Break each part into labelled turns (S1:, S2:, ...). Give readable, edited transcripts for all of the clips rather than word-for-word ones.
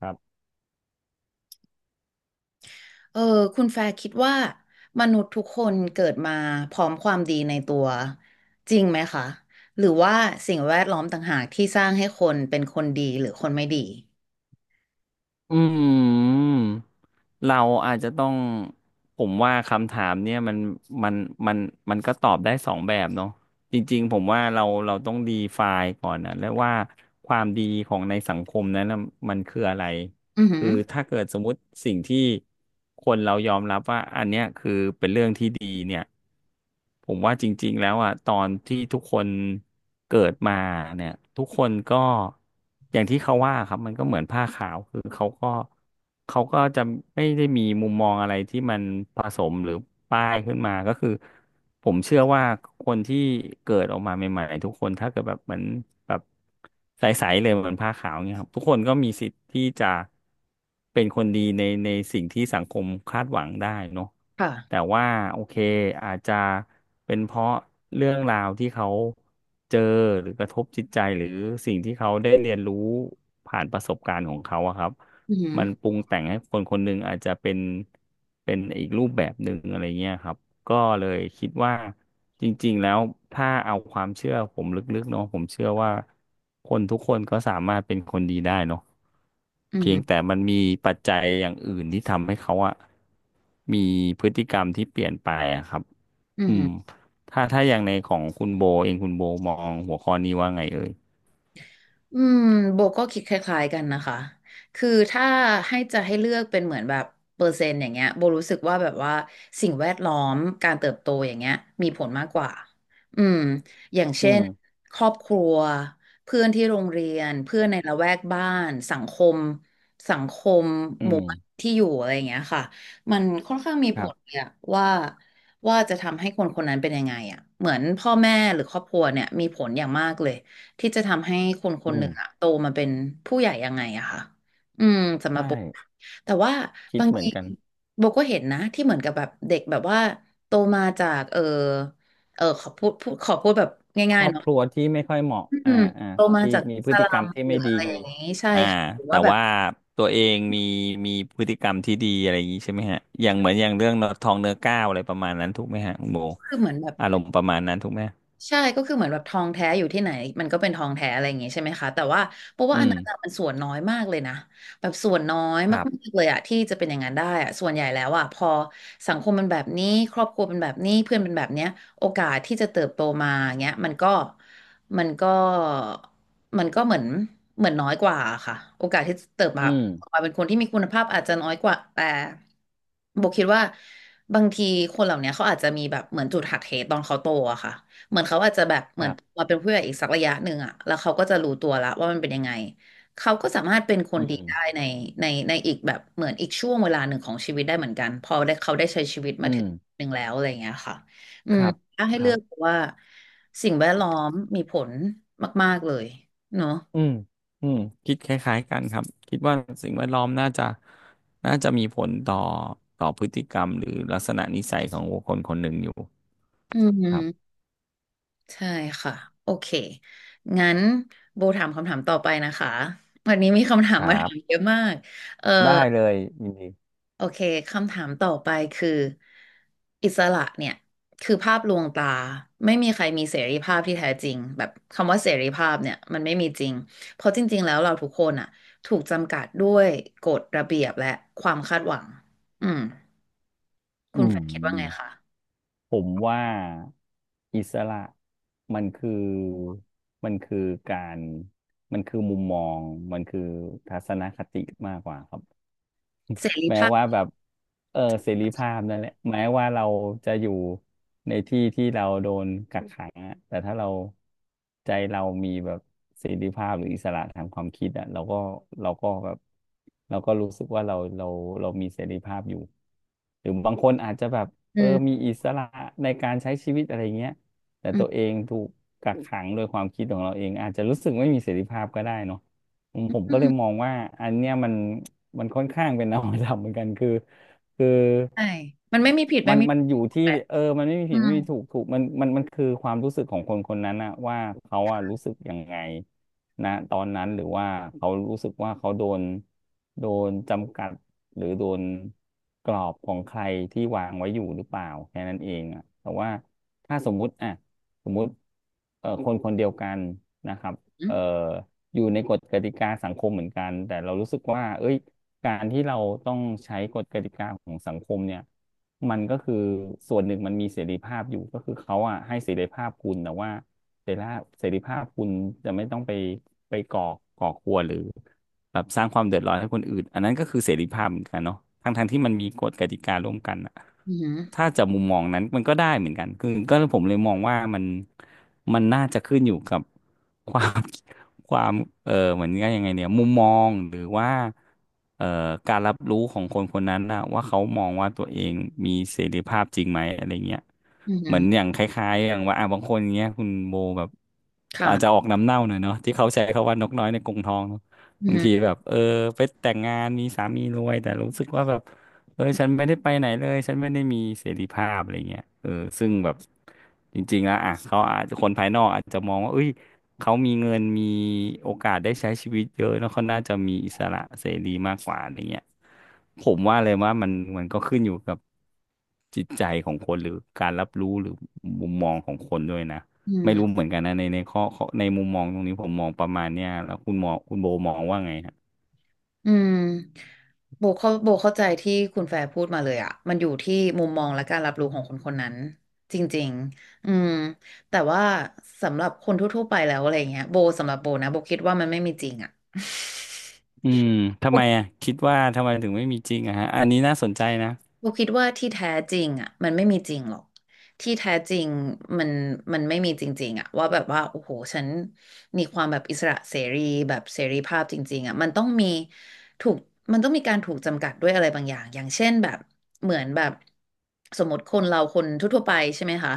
S1: ครับ
S2: เออคุณแฟร์คิดว่ามนุษย์ทุกคนเกิดมาพร้อมความดีในตัวจริงไหมคะหรือว่าสิ่งแวดล้อมต่างหากที่สร้างให้คนเป็นคนดีหรือคนไม่ดี
S1: อืมเราอาจจะต้อง ผมว่าคำถามเนี่ยมันมันมันมันก็ตอบได้สองแบบเนาะจริงๆผมว่าเราต้องดีไฟล์ก่อนนะแล้วว่าความดีของในสังคมนั้นน่ะมันคืออะไร
S2: อือหื
S1: คือ
S2: อ
S1: ถ้าเกิดสมมุติสิ่งที่คนเรายอมรับว่าอันเนี้ยคือเป็นเรื่องที่ดีเนี่ย ผมว่าจริงๆแล้วอ่ะตอนที่ทุกคนเกิดมาเนี่ยทุกคนก็ อย่างที่เขาว่าครับมันก็เหมือนผ้าขาวคือเขาก็จะไม่ได้มีมุมมองอะไรที่มันผสมหรือป้ายขึ้นมาก็คือผมเชื่อว่าคนที่เกิดออกมาใหม่ๆทุกคนถ้าเกิดแบบเหมือนแบบใสๆเลยเหมือนผ้าขาวเนี่ยครับทุกคนก็มีสิทธิ์ที่จะ เป็นคนดีในสิ่งที่สังคมคาดหวังได้เนาะ
S2: ค่ะ
S1: แต่ว่าโอเคอาจจะเป็นเพราะเรื่องราวที่เขาเจอหรือกระทบจิตใจหรือสิ่งที่เขาได้เรียนรู้ผ่านประสบการณ์ของเขาอะครับ
S2: อือหือ
S1: มันปรุงแต่งให้คนคนหนึ่งอาจจะเป็นอีกรูปแบบหนึ่งอะไรเงี้ยครับ ก็เลยคิดว่าจริงๆแล้วถ้าเอาความเชื่อผมลึกๆเนาะผมเชื่อว่าคนทุกคนก็สามารถเป็นคนดีได้เนาะ
S2: อือ
S1: เพีย
S2: หื
S1: ง
S2: อ
S1: แต่มันมีปัจจัยอย่างอื่นที่ทำให้เขาอะมีพฤติกรรมที่เปลี่ยนไปอะครับ
S2: อือ
S1: อื
S2: หื
S1: ม
S2: อ
S1: ถ้าอย่างในของคุณโบเองคุณโบมองหัวข้อนี้ว่าไงเอ่ย
S2: อืมโบก็คิดคล้ายๆกันนะคะ คือถ้าจะให้เลือกเป็นเหมือนแบบเปอร์เซ็นต์อย่างเงี้ยโบรู้สึกว่าแบบว่าสิ่งแวดล้อมการเติบโตอย่างเงี้ยมีผลมากกว่าอืมอย่าง
S1: อื
S2: เช่น
S1: ม
S2: ครอบครัวเพื่อนที่โรงเรียนเพื่อนในละแวกบ้านสังคมสังคม
S1: อื
S2: หมู่
S1: ม
S2: บ้านที่อยู่อะไรอย่างเงี้ยค่ะมันค่อนข้างมี
S1: ค
S2: ผ
S1: รั
S2: ล
S1: บ
S2: เนี่ยว่าว่าจะทำให้คนคนนั้นเป็นยังไงอ่ะเหมือนพ่อแม่หรือครอบครัวเนี่ยมีผลอย่างมากเลย ที่จะทำให้คนค
S1: อื
S2: นห
S1: ม
S2: นึ่งอะโตมาเป็นผู้ใหญ่ยังไงอะค่ะอืมสำหรับ
S1: ใช่
S2: โบแต่ว่า
S1: คิด
S2: บาง
S1: เหมือน
S2: ที
S1: กัน
S2: โบก็เห็นนะที่เหมือนกับแบบเด็กแบบว่าโตมาจากเออเออขอพูดพูดขอพูดแบบ
S1: ค
S2: ง่า
S1: ร
S2: ย
S1: อ
S2: ๆ
S1: บ
S2: เนาะ
S1: ครัวที่ไม่ค่อยเหมาะ
S2: อืม
S1: อ่า
S2: โตมา
S1: ที่
S2: จาก
S1: มีพ
S2: ส
S1: ฤติ
S2: ลั
S1: กรร
S2: ม
S1: มที่
S2: หรื
S1: ไม่
S2: อ
S1: ดี
S2: อะไรอย่างนี้ใช่
S1: อ่า
S2: ค่ะ หรือ
S1: แต่
S2: ว่าแบบ
S1: ว่าตัวเองมีพฤติกรรมที่ดีอะไรอย่างนี้ใช่ไหมฮะอย่างเหมือนอย่างเรื่องทองเนื้อก้าวอะไรประมาณนั้นถูกไหมฮะคุณโบ
S2: คือเหมือนแบบ
S1: อารมณ์ประมาณนั้นถูกไหม
S2: ใช่ก็คือเหมือนแบบทองแท้อยู่ที่ไหนมันก็เป็นทองแท้อะไรอย่างงี้ใช่ไหมคะแต่ว่าเพราะว่า
S1: อื
S2: อัน
S1: ม
S2: นั้นอะมันส่วนน้อยมากเลยนะแบบส่วนน้อย
S1: ค
S2: มา
S1: รับ
S2: กๆเลยอะที่จะเป็นอย่างนั้นได้อะส่วนใหญ่แล้วอะพอสังคมมันแบบนี้ครอบครัวเป็นแบบนี้เพื่อนเป็นแบบเนี้ยโอกาสที่จะเติบโตมาอย่างเงี้ยมันก็มันก็เหมือนน้อยกว่าค่ะโอกาสที่จะเติบมา
S1: อืม
S2: มาเป็นคนที่มีคุณภาพอาจจะน้อยกว่าแต่โบคิดว่าบางทีคนเหล่านี้เขาอาจจะมีแบบเหมือนจุดหักเหตอนเขาโตอะค่ะ เหมือนเขาอาจจะแบบเห
S1: ค
S2: มือน
S1: รับ
S2: มาเป็นผู้ใหญ่อีกสักระยะหนึ่งอะแล้วเขาก็จะรู้ตัวละว่ามันเป็นยังไงเขาก็สามารถเป็นคน
S1: อื
S2: ดี
S1: ม
S2: ได้ในในในอีกแบบเหมือนอีกช่วงเวลาหนึ่งของชีวิตได้เหมือนกันพอได้เขาได้ใช้ชีวิตมา
S1: อื
S2: ถึ
S1: ม
S2: งหนึ่งแล้วอะไรอย่างเงี้ยค่ะอื
S1: ค
S2: ม
S1: รับ
S2: ถ้าให้
S1: ค
S2: เลื
S1: รั
S2: อก
S1: บ
S2: ว่าสิ่งแวดล้อมมีผลมากๆเลยเนอะ
S1: อืมอืมคิดคล้ายๆกันครับ คิดว่าสิ่งแวดล้อมน่าจะมีผลต่อพฤติกรรมหรือลักษณะนิสัยของบุคคลคนหนึ่งอยู่
S2: อื
S1: ครั
S2: ม
S1: บ
S2: ใช่ค่ะโอเคงั้นโบถามคำถามต่อไปนะคะวันนี้มีคำถา
S1: ค
S2: ม
S1: รั
S2: มาถามเย
S1: บ
S2: อะมาก
S1: ได้เลยยินดี
S2: โอเคคำถามต่อไปคืออิสระเนี่ยคือภาพลวงตาไม่มีใครมีเสรีภาพที่แท้จริงแบบคำว่าเสรีภาพเนี่ยมันไม่มีจริงเพราะจริงๆแล้วเราทุกคนอ่ะถูกจำกัดด้วยกฎระเบียบและความคาดหวังอืมคุ
S1: อื
S2: ณแฟนคิดว่าไง
S1: ม
S2: คะ
S1: ผมว่าอิสระมันคือมันคือการมันคือมุมมองมันคือทัศนคติมากกว่าครับ
S2: เสรี
S1: แม้
S2: ภาพ
S1: ว่าแบบเสรีภาพนั่นแหละแม้ว่าเราจะอยู่ในที่ที่เราโดนกักขังอะแต่ถ้าเราใจเรามีแบบเสรีภาพหรืออิสระทางความคิดอะเราก็แบบเราก็รู้สึกว่าเรามีเสรีภาพอยู่หรือบางคนอาจจะแบบ
S2: อื
S1: มี
S2: ม
S1: อิสระในการใช้ชีวิตอะไรเงี้ยแต่
S2: อืม
S1: ตัวเองถูกกักขังโดยความคิดของเราเองอาจจะรู้สึกไม่มีเสรีภาพก็ได้เนาะ ผม
S2: อื
S1: ก็เลยม
S2: ม
S1: องว่าอันเนี้ยมันค่อนข้างเป็นนวัตกรรมเหมือนกันคือ
S2: ใช่มันไม่มีผิดไม่
S1: มัน
S2: มีถ
S1: มันอยู่
S2: ูก
S1: ที่
S2: แบบ
S1: มันไม่มี
S2: อื
S1: ผิด
S2: ม
S1: ไม่มีถูกมันคือความรู้สึกของคนคนนั้นนะว่าเขาอะรู้สึกยังไงนะตอนนั้นหรือว่าเขารู้สึกว่าเขาโดนจำกัดหรือโดนกรอบของใครที่วางไว้อยู่หรือเปล่าแค่นั้นเองอะแต่ว่าถ้าสมมุติคนคนเดียวกันนะครับ
S2: อืม
S1: เอ่อ อยู่ในกฎกติกาสังคมเหมือนกันแต่เรารู้สึกว่าเอ้ยการที่เราต้องใช้กฎกติกาของสังคมเนี่ยมันก็คือส่วนหนึ่งมันมีเสรีภาพอยู่ก็คือเขาอ่ะให้เสรีภาพคุณแต่ว่าเสรีภาพคุณจะไม่ต้องไปก่อครัวรหรือแบบสร้างความเดือดร้อนให้คนอื่นอันนั้นก็คือเสรีภาพเหมือนกันเนาะทั้งท้งที่มันมีกฎกติการ่วมกันอะ
S2: อืม
S1: ถ้าจะมุมมองนั้นมันก็ได้เหมือนกันคือก็ผมเลยมองว่ามันน่าจะขึ้นอยู่กับ ความ ความเหมือนกันยังไงเนี่ยมุมมองหรือว่าเอ่อการรับรู้ของคนคนนั้นนะว่าเขามองว่าตัวเองมีเสรีภาพจริงไหมอะไรเงี้ย
S2: อื
S1: เหมือนอย่า
S2: ม
S1: งคล้ายๆอย่างว่าอ่ะบางคนเงี้ยคุณโบแบบอาจจะ
S2: ค่ะ
S1: ออกน้ำเน่าหน่อยเนาะที่เขาใช้คำว่านกน้อยในกรงทองเนอะ
S2: อื
S1: บางที
S2: ม
S1: แบบไปแต่งงานมีสามีรวยแต่รู้สึกว่าแบบฉันไม่ได้ไปไหนเลยฉันไม่ได้มีเสรีภาพอะไรเงี้ยซึ่งแบบจริงๆแล้วอ่ะเขาอาจจะคนภายนอกอาจจะมองว่าเอ้ย เขามีเงินมีโอกาสได้ใช้ชีวิตเยอะแล้วเขาน่าจะมีอิสระเสรีมากกว่าอะไรเงี้ยผมว่าเลยว่ามันก็ขึ้นอยู่กับจิตใจของคนหรือการรับรู้หรือมุมมองของคนด้วยนะ
S2: อืม
S1: ไม่รู้เหมือนกันนะในข้อในมุมมองตรงนี้ผมมองประมาณเนี้ยแล้วคุณโบมองว่าไงฮะ
S2: อืมโบเข้าใจที่คุณแฟร์พูดมาเลยอะมันอยู่ที่มุมมองและการรับรู้ของคนคนนั้นจริงๆอืมแต่ว่าสำหรับคนทั่วๆไปแล้วอะไรเงี้ยโบสำหรับโบนะโบคิดว่ามันไม่มีจริงอะ
S1: อืมทำไมอ่ะคิดว่าทำไมถึงไม่มีจริงอะฮะอันนี้น่าสนใจนะ
S2: โบคิดว่าที่แท้จริงอ่ะมันไม่มีจริงหรอกที่แท้จริงมันมันไม่มีจริงๆอ่ะว่าแบบว่าโอ้โหฉันมีความแบบอิสระเสรีแบบเสรีภาพจริงๆอ่ะมันต้องมีถูกมันต้องมีการถูกจำกัดด้วยอะไรบางอย่างอย่างเช่นแบบเหมือนแบบสมมติคนเราคนทั่วๆไปใช่ไหมคะ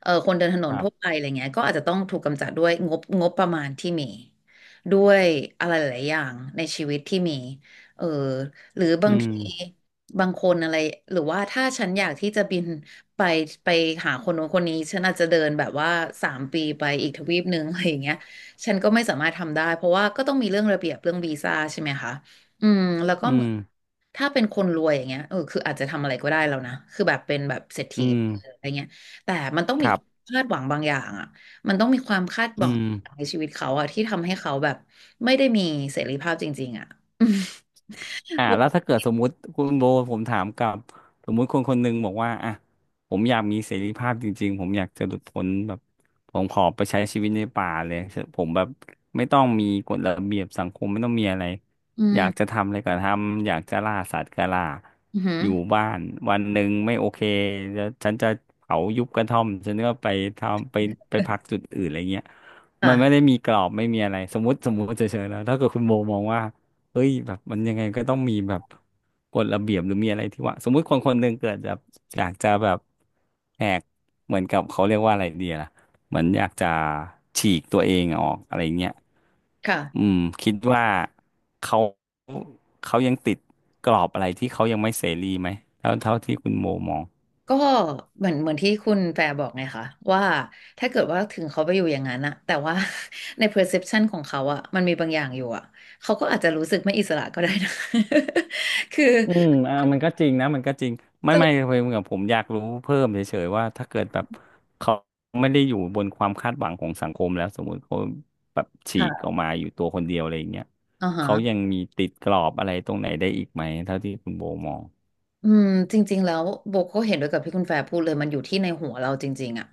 S2: เออคนเดินถน
S1: ค
S2: น
S1: รั
S2: ทั่วไป
S1: บ
S2: อะไรเงี้ยก็อาจจะต้องถูกกำจัดด้วยงบประมาณที่มีด้วยอะไรหลายๆอย่างในชีวิตที่มีเออหรือบา
S1: อื
S2: ง
S1: ม
S2: ที บางคนอะไรหรือว่าถ้าฉันอยากที่จะบินไปไปหาคนโน้นคนนี้ฉันอาจจะเดินแบบว่าสามปีไปอีกทวีปหนึ่งอะไรอย่างเงี้ยฉันก็ไม่สามารถทำได้เพราะว่าก็ต้องมีเรื่องระเบียบเรื่องวีซ่าใช่ไหมคะอืมแล้วก็
S1: อื
S2: เหมื
S1: ม
S2: อนถ้าเป็นคนรวยอย่างเงี้ยเออคืออาจจะทำอะไรก็ได้แล้วนะคือแบบเป็นแบบเศรษ
S1: อื
S2: ฐี
S1: ม
S2: อะไรเงี้ยแต่มันต้อง
S1: ค
S2: มี
S1: รั
S2: ความ
S1: บ
S2: คาดหวังบางอย่างอ่ะมันต้องมีความคาดห
S1: อื
S2: วัง
S1: ม
S2: ในชีวิตเขาอ่ะที่ทำให้เขาแบบไม่ได้มีเสรีภาพจริงๆอ่ะ
S1: อ่าแล้วถ้าเกิดสมมุติคุณโบผมถามกลับสมมุติคนคนหนึ่งบอกว่าอ่ะผมอยากมีเสรีภาพจริงๆผมอยากจะหลุดพ้นแบบผมขอไปใช้ชีวิตในป่าเลยผมแบบไม่ต้องมีกฎระเบียบสังคมไม่ต้องมีอะไร
S2: อื
S1: อยากจะ
S2: ม
S1: ทำอะไรก็ทำอยากจะล่าสัตว์ก็ล่า
S2: อืมอือหือ
S1: อยู่บ้านวันหนึ่งไม่โอเคแล้วฉันจะเผายุบกระท่อมฉันก็ไปทำไปพักจุดอื่นอะไรเงี้ยมันไม่ได้
S2: ค่ะ
S1: มีกรอบไม่มีอะไรสมมติเฉยๆแล้วถ้าเกิดคุณโบมองว่า เฮ้ยแบบมันยังไงก็ต้องมีแบบกฎระเบียบหรือมีอะไรที่ว่าสมมุติคนคนหนึ่งเกิดแบบอยากจะแบบแหกเหมือนกับเขาเรียกว่าอะไรดีล่ะเหมือนอยากจะฉีกตัวเองออกอะไรเงี้ย
S2: ค่ะ
S1: อืมคิดว่าเขาเขายังติดกรอบอะไรที่เขายังไม่เสรีไหมเท่าที่คุณโมมอง
S2: ก็เหมือนที่คุณแฟร์บอกไงคะว่าถ้าเกิดว่าถึงเขาไปอยู่อย่างนั้นอะแต่ว่า ใน perception ของเขาอะมันมีบางอย่างอยู่อะเขาก็อาจจะรู้สึกไม่อิสระก็ได้นะ คือ
S1: อืมเออมันก็จริงนะมันก็จริงไม่
S2: จะ
S1: ไม่
S2: รู้
S1: เพียงกับผมอยากรู้เพิ่มเฉยๆว่าถ้าเกิดแบบเขาไม่ได้อยู่บนความคาดหวังของสังคมแล้วสมมุติเขาแบบฉีกอ
S2: ค่ะ
S1: อกมาอยู่ตัวคนเดียวอะไรอย่างเงี้ย
S2: อ่า
S1: เขายั
S2: ฮะ
S1: งมีติดกรอบอะไรตรงไหนได้อีกไหมเท่าที่คุณโบมอง
S2: อืมจริงๆแล้วโบก็เห็นด้วยกับที่คุณแฟร์พูดเลยมันอยู่ที่ในหัวเราจริงๆอ่ะ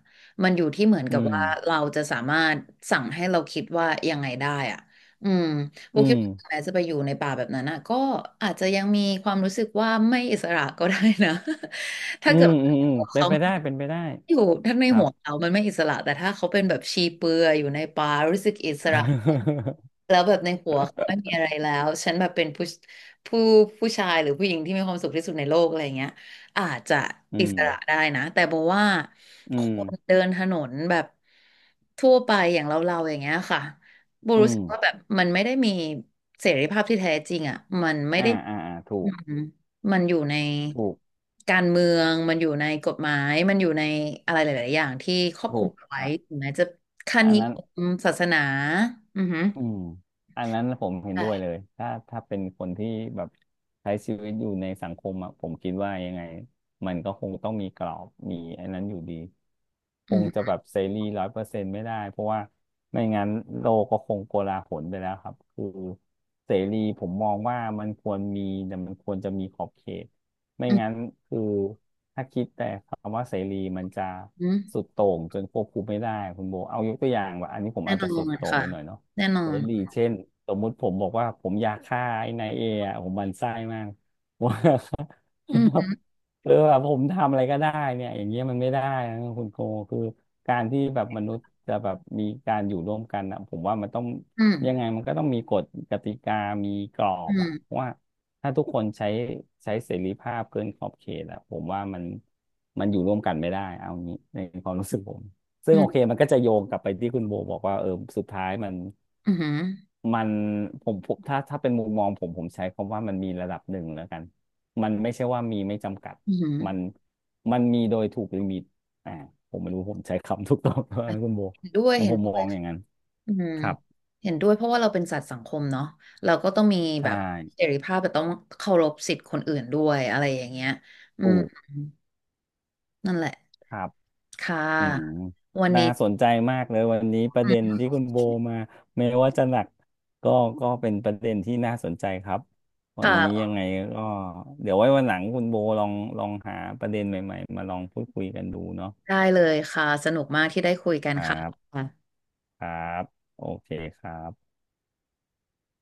S2: มันอยู่ที่เหมือน
S1: อื
S2: กับ
S1: ม
S2: ว่าเราจะสามารถสั่งให้เราคิดว่ายังไงได้อ่ะอืมโบ
S1: อื
S2: คิด
S1: ม
S2: ว่าแม้จะไปอยู่ในป่าแบบนั้นอ่ะก็อาจจะยังมีความรู้สึกว่าไม่อิสระก็ได้นะ ถ้า
S1: อื
S2: เกิด
S1: ม
S2: ว่
S1: อืมอืม
S2: า
S1: เป็น
S2: เขา
S1: ไปได้เป็นไปได้
S2: อยู่ทั้งใน
S1: ครั
S2: หั
S1: บ
S2: วเขามันไม่อิสระแต่ถ้าเขาเป็นแบบชีเปลือยอยู่ในป่ารู้สึกอิสระ แล้วแบบในหัวเขาไม่มีอะไรแล้วฉันแบบเป็นผู้ผู้ชายหรือผู้หญิงที่มีความสุขที่สุดในโลกอะไรอย่างเงี้ยอาจจะ
S1: อื
S2: อิ
S1: ม
S2: สระได้นะแต่โบว่า
S1: อื
S2: ค
S1: ม
S2: นเดินถนนแบบทั่วไปอย่างเราอย่างเงี้ยค่ะโบ
S1: อื
S2: รู้สึ
S1: ม
S2: กว่าแบบมันไม่ได้มีเสรีภาพที่แท้จริงอ่ะมันไม่
S1: อ่า
S2: ได้
S1: อ่าอ่าถู
S2: อื
S1: ก
S2: มมันอยู่ใน
S1: ถูก
S2: การเมืองมันอยู่ในกฎหมายมันอยู่ในอะไรหลายๆอย่างที่ครอบคลุ
S1: ถู
S2: ม
S1: ก
S2: เอาไว้
S1: อ่ะ
S2: ถึงแม้จะค่า
S1: อัน
S2: นิย
S1: นั้น
S2: มศาสนาอือหือ
S1: อืม อันนั้นผมเห็นด้วย
S2: ใช่
S1: เลย ถ้าเป็นคนที่แบบใช้ชีวิตอยู่ในสังคมอะผมคิดว่ายังไง มันก็คงต้องมีกรอบมีอันนั้นอยู่ดี ค
S2: อือ
S1: ง
S2: ห
S1: จะ
S2: อ
S1: แบบเสรี100%ไม่ได้ เพราะว่าไม่งั้นโลกก็คงโกลาหลไปแล้วครับคือเสรีผมมองว่ามันควรมีแต่มันควรจะมีขอบเขตไม่งั้
S2: ือ
S1: นคือถ้าคิดแต่คำว่าเสรีมันจะ
S2: ฮึ
S1: สุดโต่งจนควบคุมไม่ได้คุณโบเอายกตัวอย่างว่าอันนี้ผม
S2: แน่
S1: อาจ
S2: นอ
S1: จะสุด
S2: น
S1: โต่ง
S2: ค่ะ
S1: ไปหน่อยเนาะ
S2: แน่นอ
S1: เส
S2: น
S1: รีเช่นสมมุติผมบอกว่าผมอยากฆ่าไอ้นายเออะผมหมันไส้มาก ว่า
S2: อืม
S1: แบ
S2: อื
S1: บเออแบบผมทำอะไรก็ได้เนี่ยอย่างเงี้ยมันไม่ได้นะคุณโกคือการที่แบบมนุษย์จะแบบมีการอยู่ร่วมกันนะผมว่ามันต้อง
S2: ม
S1: ยังไงมันก็ต้องมีกฎกติกามีกรอ
S2: อื
S1: บ
S2: ม
S1: อะเพราะว่าถ้าทุกคนใช้เสรีภาพเกินขอบเขตอะผมว่ามันอยู่ร่วมกันไม่ได้เอางี้ในความรู้สึกผมซึ่
S2: อื
S1: งโอเค
S2: ม
S1: มันก็จะโยงกลับไปที่คุณโบบอกว่าเออสุดท้ายมัน
S2: อืมอืม
S1: มันผมถ้าเป็นมุมมองผมใช้คำว่ามันมีระดับหนึ่งแล้วกัน มันไม่ใช่ว่ามีไม่จำกัด
S2: อืม
S1: มันมันมีโดยถูกลิมิตอ่าผมไม่รู้ผมใช้คำถูกต้องไหมคุณโบ
S2: เห็นด้วย
S1: แล้ว
S2: เห็
S1: ผ
S2: น
S1: ม
S2: ด้
S1: ม
S2: ว
S1: อ
S2: ย
S1: งอย่างนั้น
S2: อืม
S1: ครับ
S2: เห็นด้วยเพราะว่าเราเป็นสัตว์สังคมเนาะเราก็ต้องมีแบ
S1: ใช่
S2: บเสรีภาพแต่ต้องเคารพสิทธิ์คนอื่นด้วยอะไรอย่างเงี้ยอืม
S1: ถูก
S2: นั่นแหละ
S1: ครับ
S2: ค่
S1: อืม
S2: ะวัน
S1: น่า
S2: นี้
S1: สนใจมากเลยวันนี้ประเด็นที่คุณโบมาไม่ว่าจะหนักก็ก็เป็นประเด็นที่น่าสนใจครับวันนี้ยั
S2: ค่ะ
S1: งไงก็เดี๋ยวไว้วันหลังคุณโบลองหาประเด็นใหม่ๆมาลองพูดคุยกันดูเนาะ
S2: ได้เลยค่ะสนุกมากที่ได้คุยกัน
S1: ครั
S2: ค่ะ
S1: บครับโอเคครับ